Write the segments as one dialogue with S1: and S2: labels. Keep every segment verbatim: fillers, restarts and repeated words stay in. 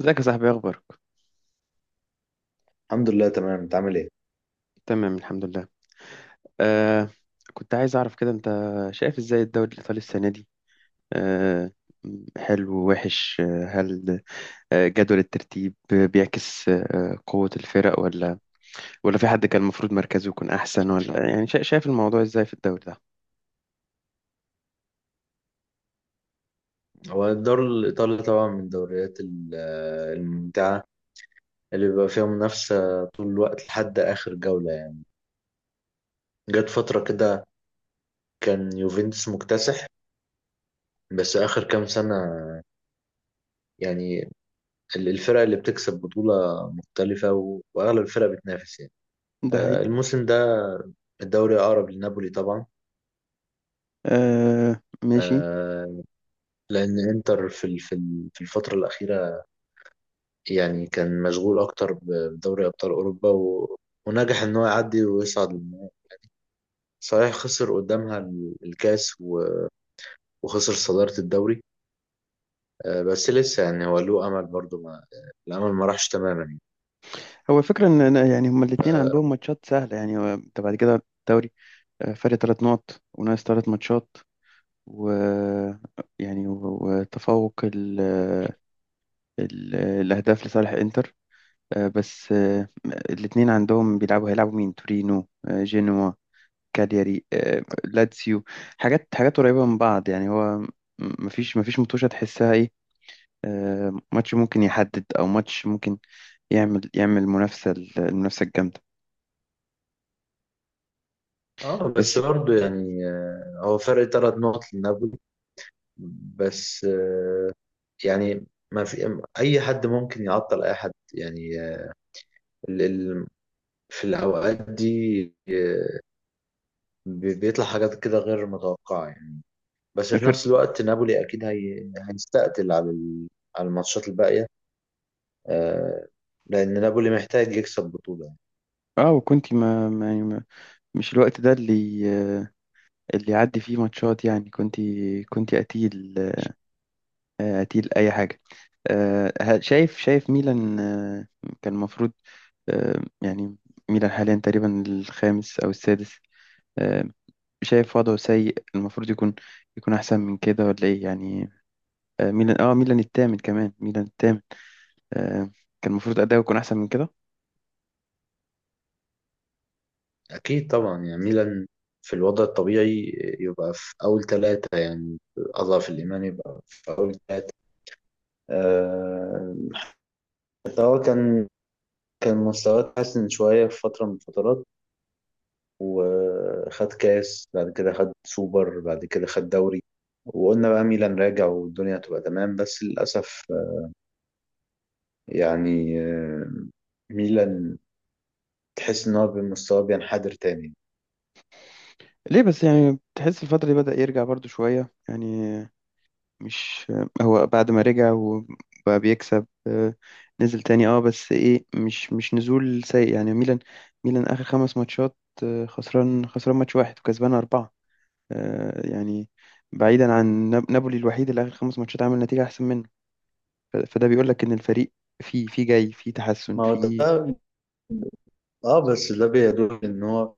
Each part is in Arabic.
S1: ازيك يا صاحبي؟ إيه اخبارك؟
S2: الحمد لله تمام. انت عامل ايه؟
S1: تمام الحمد لله. آه. كنت عايز اعرف كده انت شايف ازاي الدوري الايطالي السنه دي؟ آه. حلو ووحش. آه، هل آه، جدول الترتيب بيعكس آه، قوه الفرق، ولا ولا في حد كان المفروض مركزه يكون احسن؟ ولا يعني شا- شايف الموضوع ازاي في الدوري ده؟
S2: هو الدوري الايطالي طبعا من الدوريات ال- الممتعه، اللي بيبقى فيها منافسه طول الوقت لحد اخر جوله يعني. جت فتره كده كان يوفنتوس مكتسح. بس اخر كام سنه يعني ال- الفرق اللي بتكسب بطوله مختلفه و- واغلب الفرق بتنافس يعني.
S1: ده
S2: آه،
S1: حقيقي.
S2: الموسم ده الدوري اقرب لنابولي طبعا.
S1: آه ماشي.
S2: آه، لان انتر في ال- في ال- في الفتره الاخيره يعني كان مشغول أكتر ب- بدوري أبطال أوروبا و... ونجح إن هو يعدي ويصعد للنهائي. صحيح خسر قدامها ال- الكاس و... وخسر صدارة الدوري. آه، بس لسه يعني هو له أمل برضه ما... الأمل ما راحش تماما يعني.
S1: هو الفكرة إن أنا يعني هما الاتنين عندهم ماتشات سهلة، يعني هو أنت بعد كده الدوري آه، فرق تلات نقط وناقص تلات ماتشات و يعني و- وتفوق ال... ال... الأهداف لصالح إنتر، آه، بس آه، الاتنين عندهم بيلعبوا هيلعبوا مين؟ تورينو، آه، جينوا، كالياري، آه، لاتسيو. حاجات حاجات قريبة من بعض يعني هو م- مفيش مفيش متوشة تحسها إيه. آه، ماتش ممكن يحدد، أو ماتش ممكن يعمل يعمل منافسة، المنافسة الجامدة.
S2: اه بس
S1: بس
S2: برضه يعني آه، هو فرق ثلاث نقط لنابولي. بس آه، يعني ما في أي حد ممكن يعطل أي حد يعني آه، ال... ال- في الأوقات دي آه، بي- بيطلع حاجات كده غير متوقعة يعني. بس في
S1: فرق.
S2: نفس الوقت نابولي اكيد هي... هيستقتل على ال... على الماتشات الباقيه آه... لان نابولي محتاج يكسب بطوله يعني.
S1: اه وكنت ما ما- يعني ما مش الوقت ده اللي آه، اللي يعدي فيه ماتشات يعني كنت كنت قتيل، آه، أتيل أي حاجة. آه، ه- شايف شايف ميلان. آه، كان المفروض آه، يعني ميلان حاليا تقريبا الخامس أو السادس، آه، شايف وضعه سيء، المفروض يكون يكون أحسن من كده ولا إيه يعني؟ آه، ميلان آه ميلان التامن، كمان ميلان التامن. آه، كان المفروض أداؤه يكون أحسن من كده.
S2: اكيد طبعا يعني ميلان في الوضع الطبيعي يبقى في اول ثلاثه، يعني اضعف الايمان يبقى في اول ثلاثه آه... بس هو كان كان مستواه اتحسن شويه في فتره من الفترات. وخد كاس بعد كده خد سوبر بعد كده خد دوري. وقلنا بقى ميلان راجع والدنيا هتبقى تمام، بس للأسف يعني آه، ميلان تحس ان هو بمستواه بينحدر تاني.
S1: ليه بس يعني؟ تحس الفترة دي بدأ يرجع برضو شوية يعني. مش هو بعد ما رجع وبقى بيكسب، آه، نزل تاني، اه بس ايه مش مش نزول سيء يعني. ميلان ميلان اخر خمس ماتشات، آه، خسران خسران ماتش واحد وكسبان اربعة، آه، يعني بعيدا عن ناب- نابولي الوحيد اللي اخر خمس ماتشات عامل نتيجة احسن منه. ف- فده بيقول لك ان الفريق في في جاي في تحسن
S2: ما هو
S1: في.
S2: ده. اه بس ده بيدل ان هو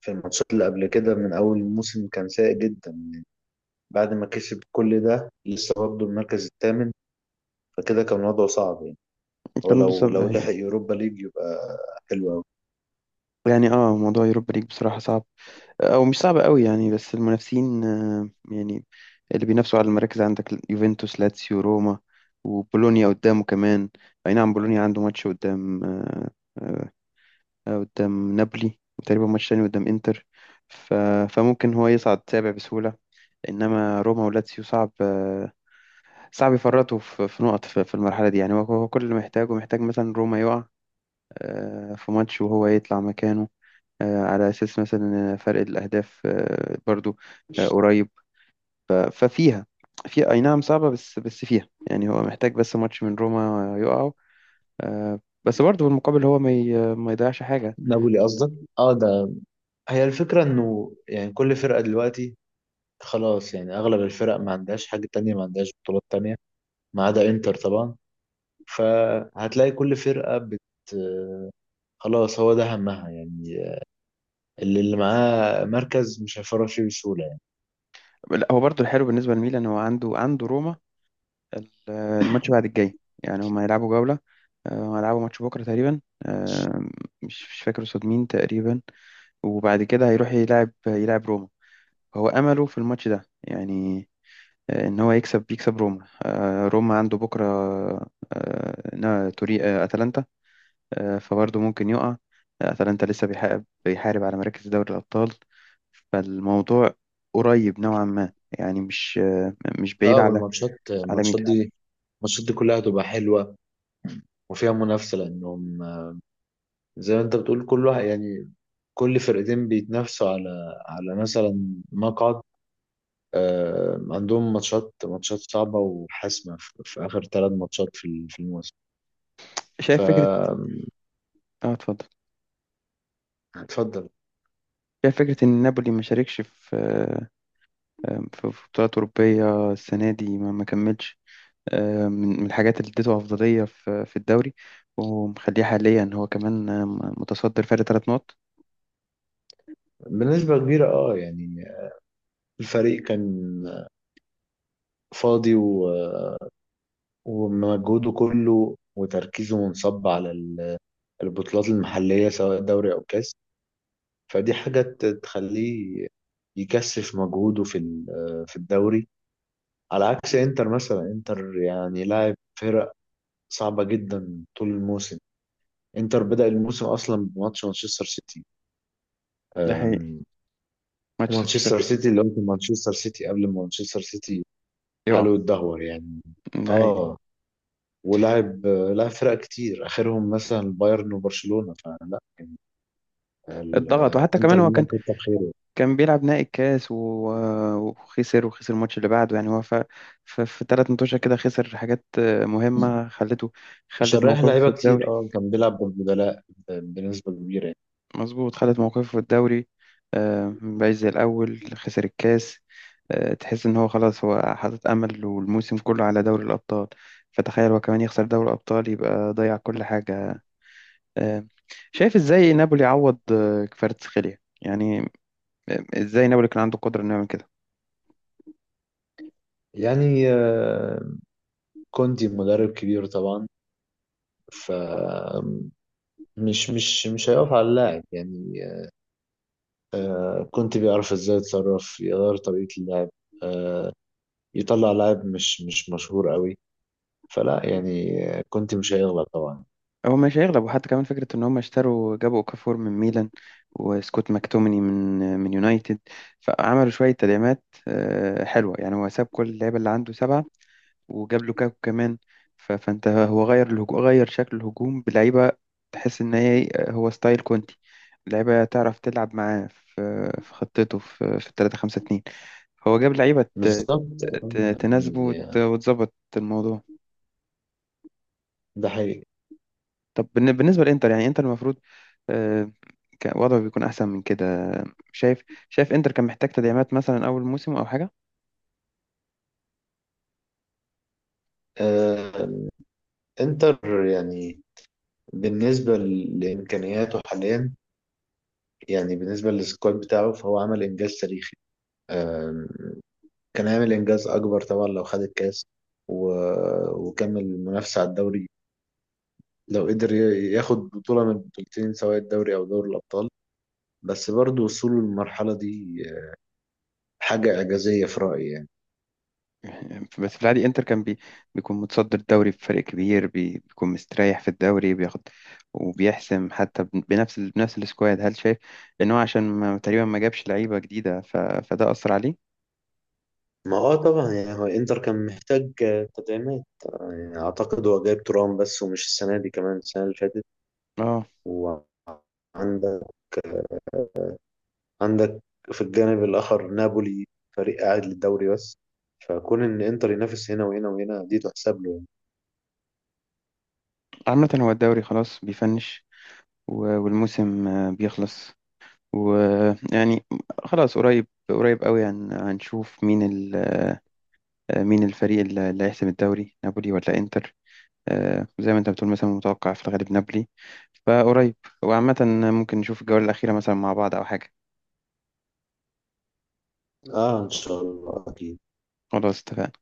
S2: في الماتشات اللي قبل كده من اول الموسم كان سيء جدا. بعد ما كسب كل ده لسه برضه المركز الثامن، فكده كان وضعه صعب يعني. هو
S1: كان لسه-
S2: لو لو
S1: هي-
S2: لحق يوروبا ليج يبقى حلو قوي.
S1: يعني اه موضوع يوروبا ليج بصراحة صعب، او مش صعبة قوي يعني، بس المنافسين آه، يعني اللي بينافسوا على المراكز عندك يوفنتوس، لاتسيو، روما، وبولونيا قدامه كمان. اي نعم بولونيا عنده ماتش قدام آه، آه، قدام نابولي، وتقريبا ماتش تاني قدام انتر، ف... فممكن هو يصعد سابع بسهولة. انما روما ولاتسيو صعب، آه، صعب يفرطوا في في نقط في في المرحلة دي يعني. هو هو كل اللي محتاجه، محتاج مثلا روما يقع آه، في ماتش وهو يطلع مكانه، آه، على أساس مثلا آه، فرق الأهداف آه، برضو آه، قريب. آه، ففيها، في أي نعم صعبة، بس بس فيها يعني. هو محتاج بس ماتش من روما يقعوا، آه، بس برضو بالمقابل هو ما ي- ما يضيعش حاجة.
S2: نابولي قصدك. اه ده هي الفكرة انه يعني كل فرقة دلوقتي خلاص يعني اغلب الفرق ما عندهاش حاجة تانية، ما عندهاش بطولات تانية، ما عدا انتر طبعا. فهتلاقي كل فرقة بت خلاص، هو ده همها يعني. اللي اللي معاه مركز مش هيفرط فيه بسهولة يعني.
S1: لا، هو برضو الحلو بالنسبة لميلان، هو عنده عنده روما ال- الماتش بعد الجاي. يعني هما هيلعبوا جولة، آه، هيلعبوا ماتش بكرة تقريبا، آه، مش مش فاكر قصاد مين تقريبا. وبعد كده هيروح يلعب يلعب روما. هو أمله في الماتش ده يعني، آه، ان هو يكسب بيكسب روما. آه، روما عنده بكره آه، نا- توري آه، اتلانتا، آه، فبرضه ممكن يقع. آه، اتلانتا لسه بيحارب بيحارب على مراكز دوري الابطال، فالموضوع قريب نوعا ما يعني. مش آه، مش بعيد
S2: اه
S1: على
S2: والماتشات
S1: على
S2: الماتشات
S1: ميلان.
S2: دي الماتشات دي كلها هتبقى حلوة وفيها منافسة، لأنهم زي ما أنت بتقول كل واحد يعني، كل فرقتين بيتنافسوا على على مثلا مقعد. آه عندهم ماتشات ماتشات صعبة وحاسمة في, في آخر ثلاث ماتشات في ال- في الموسم. ف
S1: شايف فكره؟ اه اتفضل.
S2: اتفضل.
S1: شايف فكره ان نابولي ما شاركش في آه، آه، في في بطولات اوروبيه السنه دي، ما ما كملش آه، من من الحاجات اللي اديته أفضلية في في الدوري، ومخليه حاليا هو كمان آه، متصدر فرق ثلاث نقط.
S2: بنسبة كبيرة اه يعني الفريق كان فاضي، ومجهوده كله وتركيزه منصب على ال- البطولات المحلية سواء دوري أو كاس. فدي حاجة ت- تخليه يكثف مجهوده في ال- في الدوري. على عكس انتر مثلا، انتر يعني لاعب فرق صعبة جدا طول الموسم. انتر بدأ الموسم أصلا بماتش مانشستر سيتي
S1: ده حقيقي.
S2: أم،
S1: ماتش صفر
S2: مانشستر
S1: صفر
S2: سيتي اللي هو كان مانشستر سيتي قبل ما مانشستر سيتي
S1: يقع.
S2: حاله يتدهور يعني.
S1: ده حقيقي.
S2: اه ولعب لعب فرق كتير اخرهم مثلا بايرن وبرشلونه، فلا
S1: اتضغط، وحتى كمان
S2: الانتر
S1: هو
S2: ميلان
S1: كان
S2: كتر خيره.
S1: كان بيلعب نهائي الكاس و- وخسر وخسر الماتش اللي بعده يعني. هو ف ف- في ثلاث ماتشات كده خسر حاجات آه، مهمة، خلته
S2: عشان
S1: خلت
S2: رايح
S1: موقفه في
S2: لعيبه
S1: الدوري.
S2: كتير اه كان بيلعب بالبدلاء بنسبه كبيره يعني.
S1: مظبوط، خدت موقفه في الدوري آه، مبقاش زي الأول. خسر الكاس آه، تحس إن هو خلاص هو حاطط أمل والموسم كله على دوري الأبطال. فتخيل هو كمان يخسر دوري الأبطال، يبقى ضيع كل حاجة. آه، شايف إزاي نابولي عوض آه، كفاراتسخيليا يعني، آه، إزاي نابولي كان عنده قدرة إنه يعمل كده.
S2: يعني آه، كونتي مدرب كبير طبعا. ف مش مش مش هيقف على اللاعب يعني. آه، كونتي بيعرف ازاي يتصرف يغير طريقه اللعب. آه، يطلع لاعب مش مش مشهور قوي. فلا يعني آه، كونتي مش هيغلط طبعا.
S1: هو مش هيغلب، وحتى كمان فكرة إن هم اشتروا، جابوا أوكافور من ميلان، وسكوت ماكتوميني من آه، من يونايتد. فعملوا شوية تدعيمات آه، حلوة، يعني هو ساب كل اللعيبة اللي عنده سبعة، وجاب لوكاكو كمان. ف- فانت هو غير الهجوم، غير شكل الهجوم بلعيبه. تحس ان هي هو ستايل كونتي، لعيبه تعرف تلعب معاه في في خطته في في ثلاثة خمسة اتنين. هو جاب لعيبه ت-
S2: بالظبط آه،
S1: ت- تناسبه
S2: يعني
S1: وت-
S2: آه،
S1: وتظبط الموضوع.
S2: ده حقيقي.
S1: طب بالن- بالنسبه للانتر، يعني انتر المفروض، آه، كان وضعه بيكون احسن من كده. شايف شايف انتر كان محتاج تدعيمات مثلا اول موسم او حاجه.
S2: آه، انتر يعني بالنسبة لإمكانياته حاليا، يعني بالنسبة للسكواد بتاعه، فهو عمل إنجاز تاريخي. آه، كان هيعمل إنجاز أكبر طبعا لو خد الكاس و- وكمل المنافسة على الدوري، لو قدر ي- ياخد بطولة من البطولتين سواء الدوري أو دوري الأبطال. بس برضه وصوله للمرحلة دي حاجة إعجازية في رأيي يعني.
S1: بس في العادي انتر كان بي... بيكون متصدر الدوري بفرق كبير، بي... بيكون مستريح في الدوري بياخد وبيحسم حتى ب- بنفس ال... بنفس السكواد. هل شايف ان هو عشان ما... تقريبا ما جابش لعيبة جديدة، ف... فده أثر عليه؟
S2: ما هو طبعا يعني هو انتر كان محتاج آه، تدعيمات آه، يعني أعتقد هو جايب ترام بس، ومش السنة دي كمان، السنة اللي فاتت.
S1: اه.
S2: وعندك عندك في الجانب الآخر نابولي فريق قاعد للدوري بس. فكون إن إنتر ينافس هنا وهنا وهنا دي تحسب له يعني.
S1: عامة هو الدوري خلاص بيفنش، و... والموسم آه، بيخلص ويعني خلاص، قريب قريب قوي، هن... هنشوف مين ال... آه، مين الفريق اللي اللي هيحسم الدوري، نابولي ولا انتر؟ آه، زي ما انت بتقول مثلا متوقع في الغالب نابولي. فقريب، وعامة ممكن نشوف الجولة الأخيرة مثلا مع بعض أو حاجة.
S2: آه، إن شاء الله أكيد.
S1: خلاص اتفقنا.